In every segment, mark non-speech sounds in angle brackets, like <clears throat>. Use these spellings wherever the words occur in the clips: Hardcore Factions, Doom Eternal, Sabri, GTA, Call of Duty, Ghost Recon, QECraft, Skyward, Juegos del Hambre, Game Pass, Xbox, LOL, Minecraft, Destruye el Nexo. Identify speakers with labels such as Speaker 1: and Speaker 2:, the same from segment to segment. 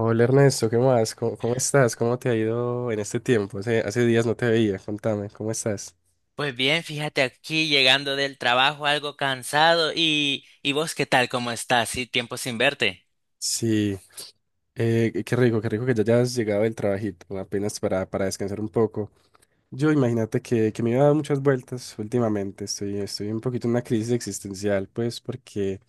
Speaker 1: Hola Ernesto, ¿qué más? ¿¿Cómo estás? ¿Cómo te ha ido en este tiempo? Hace días no te veía, contame, ¿cómo estás?
Speaker 2: Pues bien, fíjate aquí llegando del trabajo algo cansado y vos qué tal, cómo estás, sí, tiempo sin verte.
Speaker 1: Sí, qué rico que ya hayas llegado del trabajito, apenas para descansar un poco. Yo imagínate que me iba a dar muchas vueltas últimamente. Estoy un poquito en una crisis existencial, pues, porque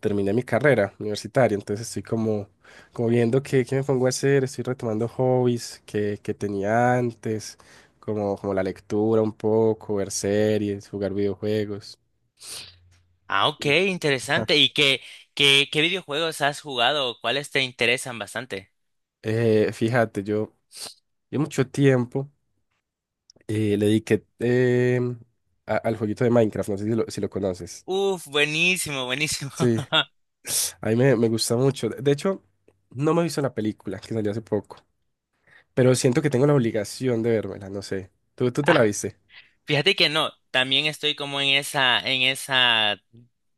Speaker 1: terminé mi carrera universitaria. Entonces estoy como viendo qué me pongo a hacer. Estoy retomando hobbies que tenía antes, como la lectura un poco, ver series, jugar videojuegos.
Speaker 2: Ah, ok,
Speaker 1: Ajá.
Speaker 2: interesante.
Speaker 1: <laughs>
Speaker 2: ¿Y qué videojuegos has jugado? ¿Cuáles te interesan bastante?
Speaker 1: Fíjate, yo mucho tiempo le dediqué al jueguito de Minecraft. No sé si lo conoces.
Speaker 2: Uf, buenísimo, buenísimo.
Speaker 1: Sí. A mí me gusta mucho. De hecho, no me he visto la película que salió hace poco, pero siento que tengo la obligación de vérmela, no sé. ¿Tú te la
Speaker 2: <laughs>
Speaker 1: viste?
Speaker 2: Fíjate que no, también estoy como en esa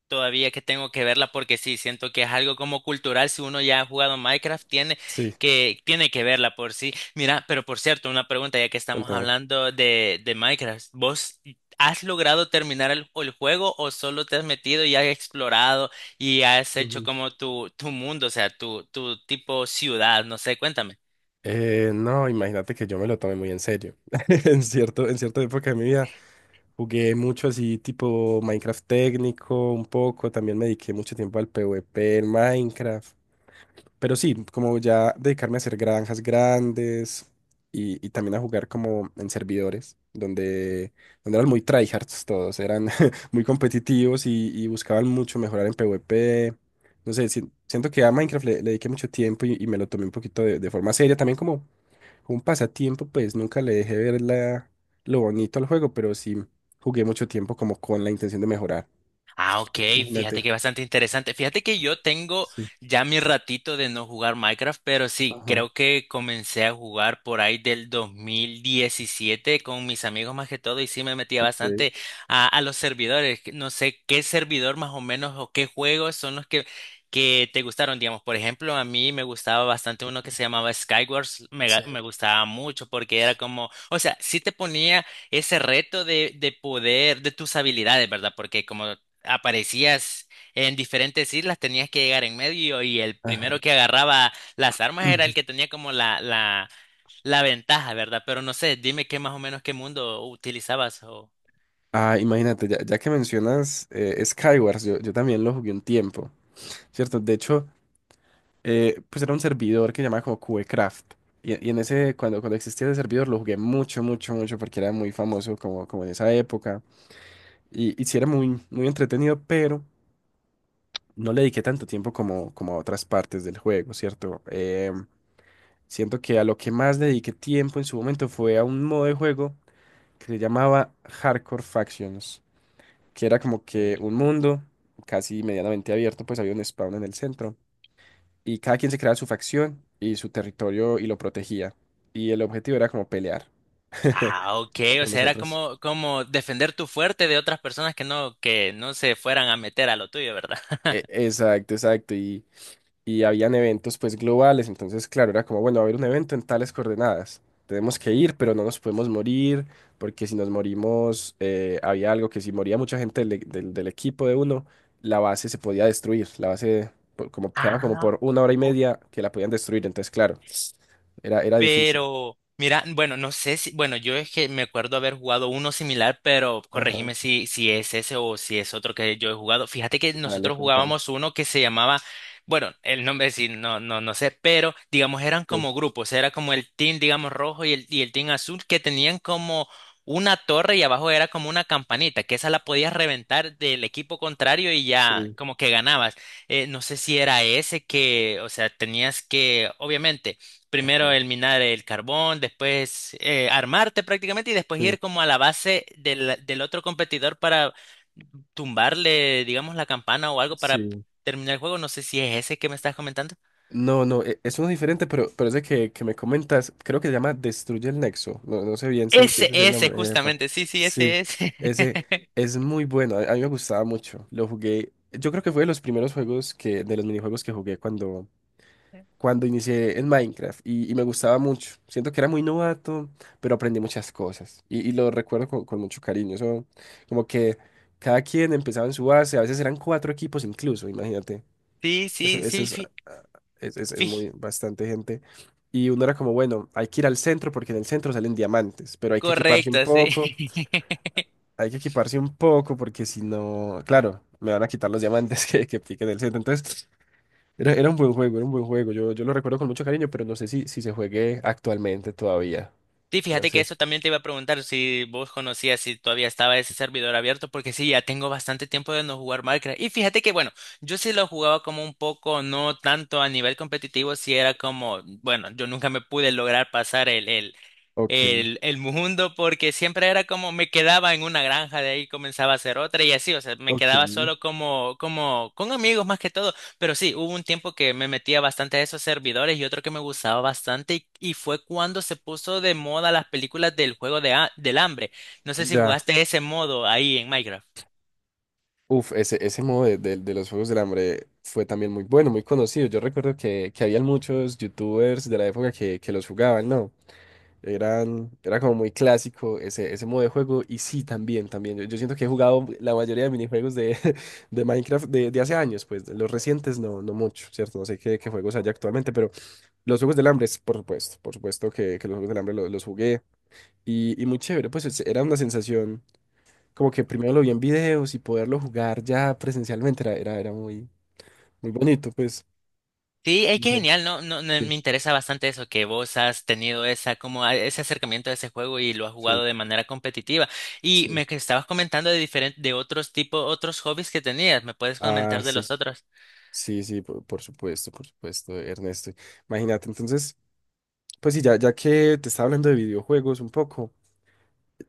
Speaker 2: todavía que tengo que verla porque sí, siento que es algo como cultural. Si uno ya ha jugado Minecraft, tiene
Speaker 1: Sí,
Speaker 2: que, tiene que verla por sí. Mira, pero por cierto, una pregunta ya que estamos
Speaker 1: contame.
Speaker 2: hablando de Minecraft. ¿Vos has logrado terminar el juego o solo te has metido y has explorado y has hecho
Speaker 1: Ujú.
Speaker 2: como tu mundo, o sea, tu tipo ciudad? No sé, cuéntame.
Speaker 1: No, imagínate que yo me lo tomé muy en serio. <laughs> En cierta época de mi vida jugué mucho así, tipo Minecraft técnico, un poco. También me dediqué mucho tiempo al PvP en Minecraft. Pero sí, como ya dedicarme a hacer granjas grandes y también a jugar como en servidores, donde eran muy tryhards todos, eran <laughs> muy competitivos y buscaban mucho mejorar en PvP. No sé, siento que a Minecraft le dediqué mucho tiempo y me lo tomé un poquito de forma seria, también como un pasatiempo, pues nunca le dejé ver lo bonito al juego, pero sí jugué mucho tiempo como con la intención de mejorar.
Speaker 2: Ah, ok, fíjate
Speaker 1: Imagínate.
Speaker 2: que bastante interesante. Fíjate que yo tengo
Speaker 1: Sí.
Speaker 2: ya mi ratito de no jugar Minecraft, pero sí,
Speaker 1: Ajá.
Speaker 2: creo que comencé a jugar por ahí del 2017 con mis amigos más que todo y sí me metía
Speaker 1: Ok.
Speaker 2: bastante a los servidores. Que no sé qué servidor más o menos o qué juegos son los que te gustaron, digamos. Por ejemplo, a mí me gustaba bastante uno que se llamaba Skyward,
Speaker 1: Sí.
Speaker 2: me gustaba mucho porque era como, o sea, sí te ponía ese reto de poder, de tus habilidades, ¿verdad? Porque como aparecías en diferentes islas, tenías que llegar en medio y el
Speaker 1: Ajá.
Speaker 2: primero que agarraba las armas era el que
Speaker 1: <clears throat>
Speaker 2: tenía como la ventaja, ¿verdad? Pero no sé, dime qué más o menos qué mundo utilizabas o...
Speaker 1: Ah, imagínate, ya que mencionas Skywars, yo también lo jugué un tiempo, ¿cierto? De hecho, pues era un servidor que llamaba como QECraft. Y en ese, cuando existía ese servidor, lo jugué mucho, mucho, mucho, porque era muy famoso como en esa época. Y sí era muy, muy entretenido, pero no le dediqué tanto tiempo como a otras partes del juego, ¿cierto? Siento que a lo que más le dediqué tiempo en su momento fue a un modo de juego que se llamaba Hardcore Factions. Que era como que
Speaker 2: Ok.
Speaker 1: un mundo casi medianamente abierto, pues había un spawn en el centro y cada quien se creaba su facción y su territorio y lo protegía. Y el objetivo era como pelear
Speaker 2: Ah, ok,
Speaker 1: <laughs>
Speaker 2: o
Speaker 1: con
Speaker 2: sea, era
Speaker 1: nosotros.
Speaker 2: como defender tu fuerte de otras personas que no se fueran a meter a lo tuyo, ¿verdad? <laughs>
Speaker 1: Exacto, exacto. Y habían eventos pues globales, entonces claro, era como, bueno, va a haber un evento en tales coordenadas, tenemos que ir, pero no nos podemos morir, porque si nos morimos, había algo que si moría mucha gente del equipo de uno, la base se podía destruir, la base quedaba como
Speaker 2: Ah,
Speaker 1: por una hora y
Speaker 2: ok.
Speaker 1: media que la podían destruir, entonces claro, era difícil.
Speaker 2: Pero, mira, bueno, no sé si, bueno, yo es que me acuerdo haber jugado uno similar, pero
Speaker 1: Ajá,
Speaker 2: corregime si es ese o si es otro que yo he jugado. Fíjate que
Speaker 1: dale,
Speaker 2: nosotros
Speaker 1: contame.
Speaker 2: jugábamos uno que se llamaba, bueno, el nombre sí, no, no, no sé, pero digamos eran
Speaker 1: Sí,
Speaker 2: como grupos, era como el team, digamos, rojo y y el team azul que tenían como una torre y abajo era como una campanita, que esa la podías reventar del equipo contrario y ya
Speaker 1: sí,
Speaker 2: como que ganabas. No sé si era ese que, o sea, tenías que, obviamente.
Speaker 1: ajá,
Speaker 2: Primero el minar el carbón, después armarte prácticamente y después
Speaker 1: sí,
Speaker 2: ir como a la base del otro competidor para tumbarle, digamos, la campana o algo para
Speaker 1: sí.
Speaker 2: terminar el juego. No sé si es ese que me estás comentando.
Speaker 1: No, no, es uno diferente, pero ese que me comentas, creo que se llama Destruye el Nexo. No, no sé bien si, si
Speaker 2: Ese,
Speaker 1: ese es el
Speaker 2: ese,
Speaker 1: nombre, jefa.
Speaker 2: justamente. Sí, sí,
Speaker 1: Sí,
Speaker 2: ese es.
Speaker 1: ese
Speaker 2: <laughs>
Speaker 1: es muy bueno. A mí me gustaba mucho. Lo jugué. Yo creo que fue de los primeros juegos de los minijuegos que jugué cuando inicié en Minecraft. Y me gustaba mucho. Siento que era muy novato, pero aprendí muchas cosas. Y lo recuerdo con mucho cariño. Eso, como que cada quien empezaba en su base. A veces eran cuatro equipos incluso, imagínate.
Speaker 2: Sí, sí,
Speaker 1: Ese
Speaker 2: sí,
Speaker 1: es, ah, es- Es
Speaker 2: fi-
Speaker 1: muy bastante gente. Y uno era como, bueno, hay que ir al centro porque en el centro salen diamantes, pero hay que equiparse un
Speaker 2: correcto, sí.
Speaker 1: poco,
Speaker 2: <laughs>
Speaker 1: hay que equiparse un poco porque si no, claro, me van a quitar los diamantes <laughs> que piquen el centro. Entonces, era un buen juego, era un buen juego. Yo lo recuerdo con mucho cariño, pero no sé si, si se juegue actualmente todavía.
Speaker 2: Sí,
Speaker 1: No
Speaker 2: fíjate que
Speaker 1: sé.
Speaker 2: eso también te iba a preguntar si vos conocías si todavía estaba ese servidor abierto, porque sí, ya tengo bastante tiempo de no jugar Minecraft. Y fíjate que, bueno, yo sí lo jugaba como un poco, no tanto a nivel competitivo, si era como, bueno, yo nunca me pude lograr pasar el, el,
Speaker 1: Ok,
Speaker 2: el, el mundo porque siempre era como me quedaba en una granja, de ahí comenzaba a hacer otra y así, o sea, me
Speaker 1: ok.
Speaker 2: quedaba solo como con amigos más que todo, pero sí, hubo un tiempo que me metía bastante a esos servidores y otro que me gustaba bastante y fue cuando se puso de moda las películas del juego del hambre. No sé si
Speaker 1: Ya.
Speaker 2: jugaste ese modo ahí en Minecraft.
Speaker 1: Uf, ese modo de los Juegos del Hambre fue también muy bueno, muy conocido. Yo recuerdo que habían muchos youtubers de la época que los jugaban, ¿no? Era como muy clásico ese modo de juego. Y sí, también, también. Yo siento que he jugado la mayoría de minijuegos <laughs> de Minecraft de hace años, pues de los recientes no, no mucho, ¿cierto? No sé qué, qué juegos hay actualmente, pero los Juegos del Hambre, por supuesto que los Juegos del Hambre jugué. Y muy chévere, pues era una sensación como que primero lo vi en videos y poderlo jugar ya presencialmente era muy, muy bonito, pues.
Speaker 2: Sí, es
Speaker 1: No
Speaker 2: que
Speaker 1: sé,
Speaker 2: genial, ¿no? No, no, me
Speaker 1: sí,
Speaker 2: interesa bastante eso, que vos has tenido esa, como ese acercamiento a ese juego y lo has
Speaker 1: sí,
Speaker 2: jugado de manera competitiva. Y
Speaker 1: sí.
Speaker 2: me que estabas comentando de diferentes, de otros tipos, otros hobbies que tenías. ¿Me puedes
Speaker 1: Ah,
Speaker 2: comentar de
Speaker 1: sí,
Speaker 2: los otros?
Speaker 1: sí, sí, por supuesto, Ernesto. Imagínate, entonces, pues sí, ya que te estaba hablando de videojuegos un poco,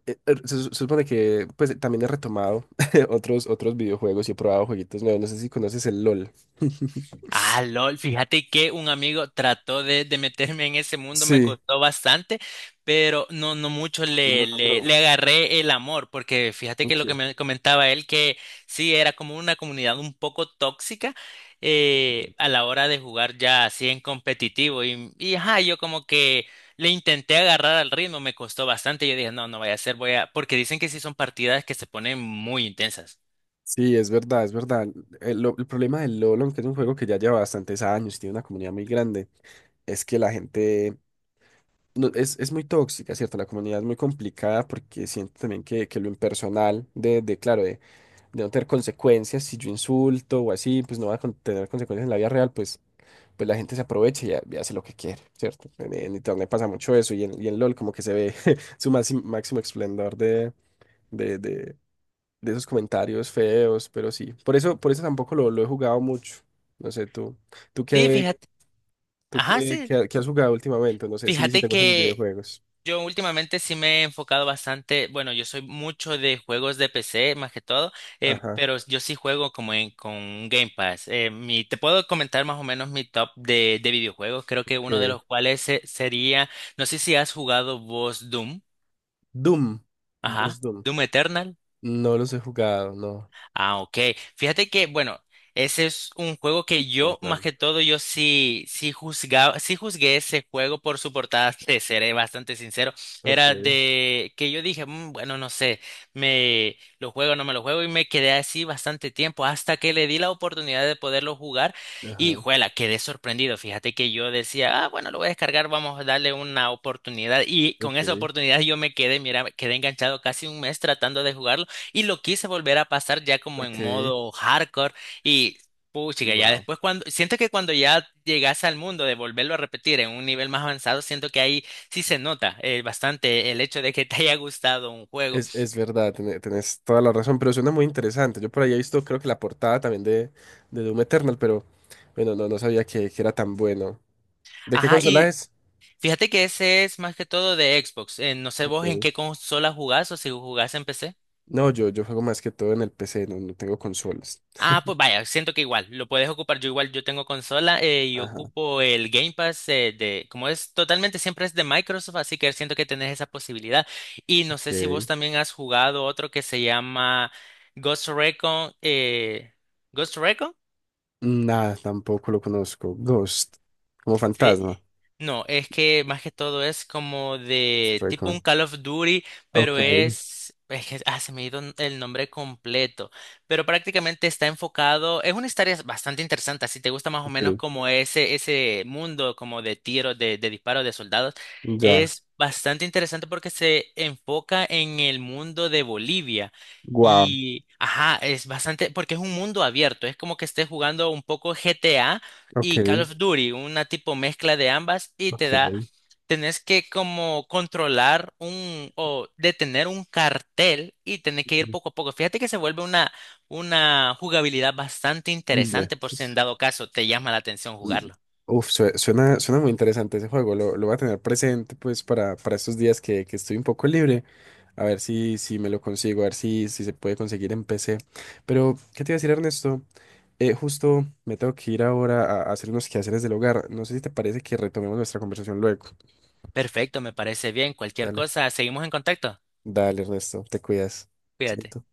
Speaker 1: se supone que pues también he retomado <laughs> otros videojuegos y he probado jueguitos nuevos. No sé si conoces el LOL. <laughs>
Speaker 2: Ah, LOL, fíjate que un amigo trató de meterme en ese mundo, me
Speaker 1: Sí.
Speaker 2: costó bastante, pero no, no mucho
Speaker 1: No lo
Speaker 2: le, le,
Speaker 1: logró.
Speaker 2: le agarré el amor, porque fíjate que
Speaker 1: Ok.
Speaker 2: lo que me comentaba él, que sí, era como una comunidad un poco tóxica a la hora de jugar ya así en competitivo, y ajá, yo como que le intenté agarrar al ritmo, me costó bastante, yo dije, no, no vaya a ser, voy a, porque dicen que sí son partidas que se ponen muy intensas.
Speaker 1: Sí, es verdad, es verdad. El problema del LoL, aunque es un juego que ya lleva bastantes años y tiene una comunidad muy grande, es que la gente es muy tóxica, ¿cierto? La comunidad es muy complicada porque siento también que lo impersonal, de claro, de no tener consecuencias, si yo insulto o así, pues no va a tener consecuencias en la vida real, pues, pues la gente se aprovecha y hace lo que quiere, ¿cierto? En Internet pasa mucho eso y en LoL como que se ve <laughs> su máximo, máximo esplendor de, de de esos comentarios feos, pero sí. Por eso tampoco lo he jugado mucho. No sé, tú
Speaker 2: Sí,
Speaker 1: qué,
Speaker 2: fíjate,
Speaker 1: tú
Speaker 2: ajá,
Speaker 1: qué,
Speaker 2: sí.
Speaker 1: qué- qué has jugado últimamente, no sé si, si
Speaker 2: Fíjate
Speaker 1: te gustan los
Speaker 2: que
Speaker 1: videojuegos.
Speaker 2: yo últimamente sí me he enfocado bastante, bueno, yo soy mucho de juegos de PC más que todo,
Speaker 1: Ajá,
Speaker 2: pero yo sí juego como con un Game Pass. Te puedo comentar más o menos mi top de videojuegos, creo que uno de
Speaker 1: ok.
Speaker 2: los cuales sería, no sé si has jugado vos Doom,
Speaker 1: Doom, vos
Speaker 2: ajá,
Speaker 1: Doom.
Speaker 2: Doom Eternal.
Speaker 1: No los he jugado, no.
Speaker 2: Ah, ok. Fíjate que, bueno, ese es un juego que yo, más
Speaker 1: Contame.
Speaker 2: que todo, yo sí, sí juzgaba, sí juzgué ese juego por su portada, <laughs> te seré bastante sincero.
Speaker 1: Ok,
Speaker 2: Era de que yo dije, "Mm, bueno, no sé, me lo juego, no me lo juego, y me quedé así bastante tiempo hasta que le di la oportunidad de poderlo jugar y,
Speaker 1: ajá,
Speaker 2: juela, quedé sorprendido. Fíjate que yo decía, ah, bueno, lo voy a descargar, vamos a darle una oportunidad. Y con esa
Speaker 1: ok,
Speaker 2: oportunidad yo me quedé, mira, quedé enganchado casi un mes tratando de jugarlo. Y lo quise volver a pasar ya como en
Speaker 1: ok.
Speaker 2: modo hardcore y puchica, ya
Speaker 1: Wow.
Speaker 2: después cuando siento que cuando ya llegas al mundo de volverlo a repetir en un nivel más avanzado, siento que ahí sí se nota bastante el hecho de que te haya gustado un juego.
Speaker 1: Es verdad, tenés toda la razón, pero suena muy interesante. Yo por ahí he visto, creo que la portada también de Doom Eternal, pero bueno, no, no sabía que era tan bueno. ¿De qué
Speaker 2: Ajá,
Speaker 1: consola
Speaker 2: y
Speaker 1: es?
Speaker 2: fíjate que ese es más que todo de Xbox. No sé vos en
Speaker 1: Ok.
Speaker 2: qué consola jugás o si jugás en PC.
Speaker 1: No, yo juego más que todo en el PC, no, no tengo consolas.
Speaker 2: Ah, pues vaya, siento que igual, lo puedes ocupar. Yo igual, yo tengo consola y
Speaker 1: Ajá,
Speaker 2: ocupo el Game Pass como es totalmente, siempre es de Microsoft, así que siento que tenés esa posibilidad. Y no sé si vos
Speaker 1: ok.
Speaker 2: también has jugado otro que se llama Ghost Recon. ¿Ghost Recon?
Speaker 1: Nada, tampoco lo conozco. Ghost, como
Speaker 2: Sí,
Speaker 1: fantasma.
Speaker 2: no, es que más que todo es como de tipo
Speaker 1: Recon.
Speaker 2: un Call of Duty,
Speaker 1: Ok,
Speaker 2: pero es que se me ha ido el nombre completo, pero prácticamente está enfocado, es una historia bastante interesante, si te gusta más o menos
Speaker 1: ok.
Speaker 2: como ese mundo como de tiros, de disparos de soldados,
Speaker 1: Ya.
Speaker 2: es bastante interesante porque se enfoca en el mundo de Bolivia.
Speaker 1: Wow.
Speaker 2: Y, ajá, es bastante, porque es un mundo abierto, es como que estés jugando un poco GTA,
Speaker 1: Ok,
Speaker 2: y Call of Duty, una tipo mezcla de ambas y te
Speaker 1: ok.
Speaker 2: da, tenés que como controlar un o detener un cartel y tenés que ir poco a poco. Fíjate que se vuelve una jugabilidad bastante
Speaker 1: Ve,
Speaker 2: interesante por si en
Speaker 1: pues,
Speaker 2: dado caso te llama la atención
Speaker 1: mm,
Speaker 2: jugarlo.
Speaker 1: uf, suena, suena muy interesante ese juego. Lo voy a tener presente pues para estos días que estoy un poco libre. A ver si, si me lo consigo, a ver si, si se puede conseguir en PC. Pero, ¿qué te iba a decir, Ernesto? Justo me tengo que ir ahora a hacer unos quehaceres del hogar. No sé si te parece que retomemos nuestra conversación luego.
Speaker 2: Perfecto, me parece bien. Cualquier
Speaker 1: Dale.
Speaker 2: cosa, seguimos en contacto.
Speaker 1: Dale, Ernesto, te cuidas.
Speaker 2: Cuídate.
Speaker 1: Chaito.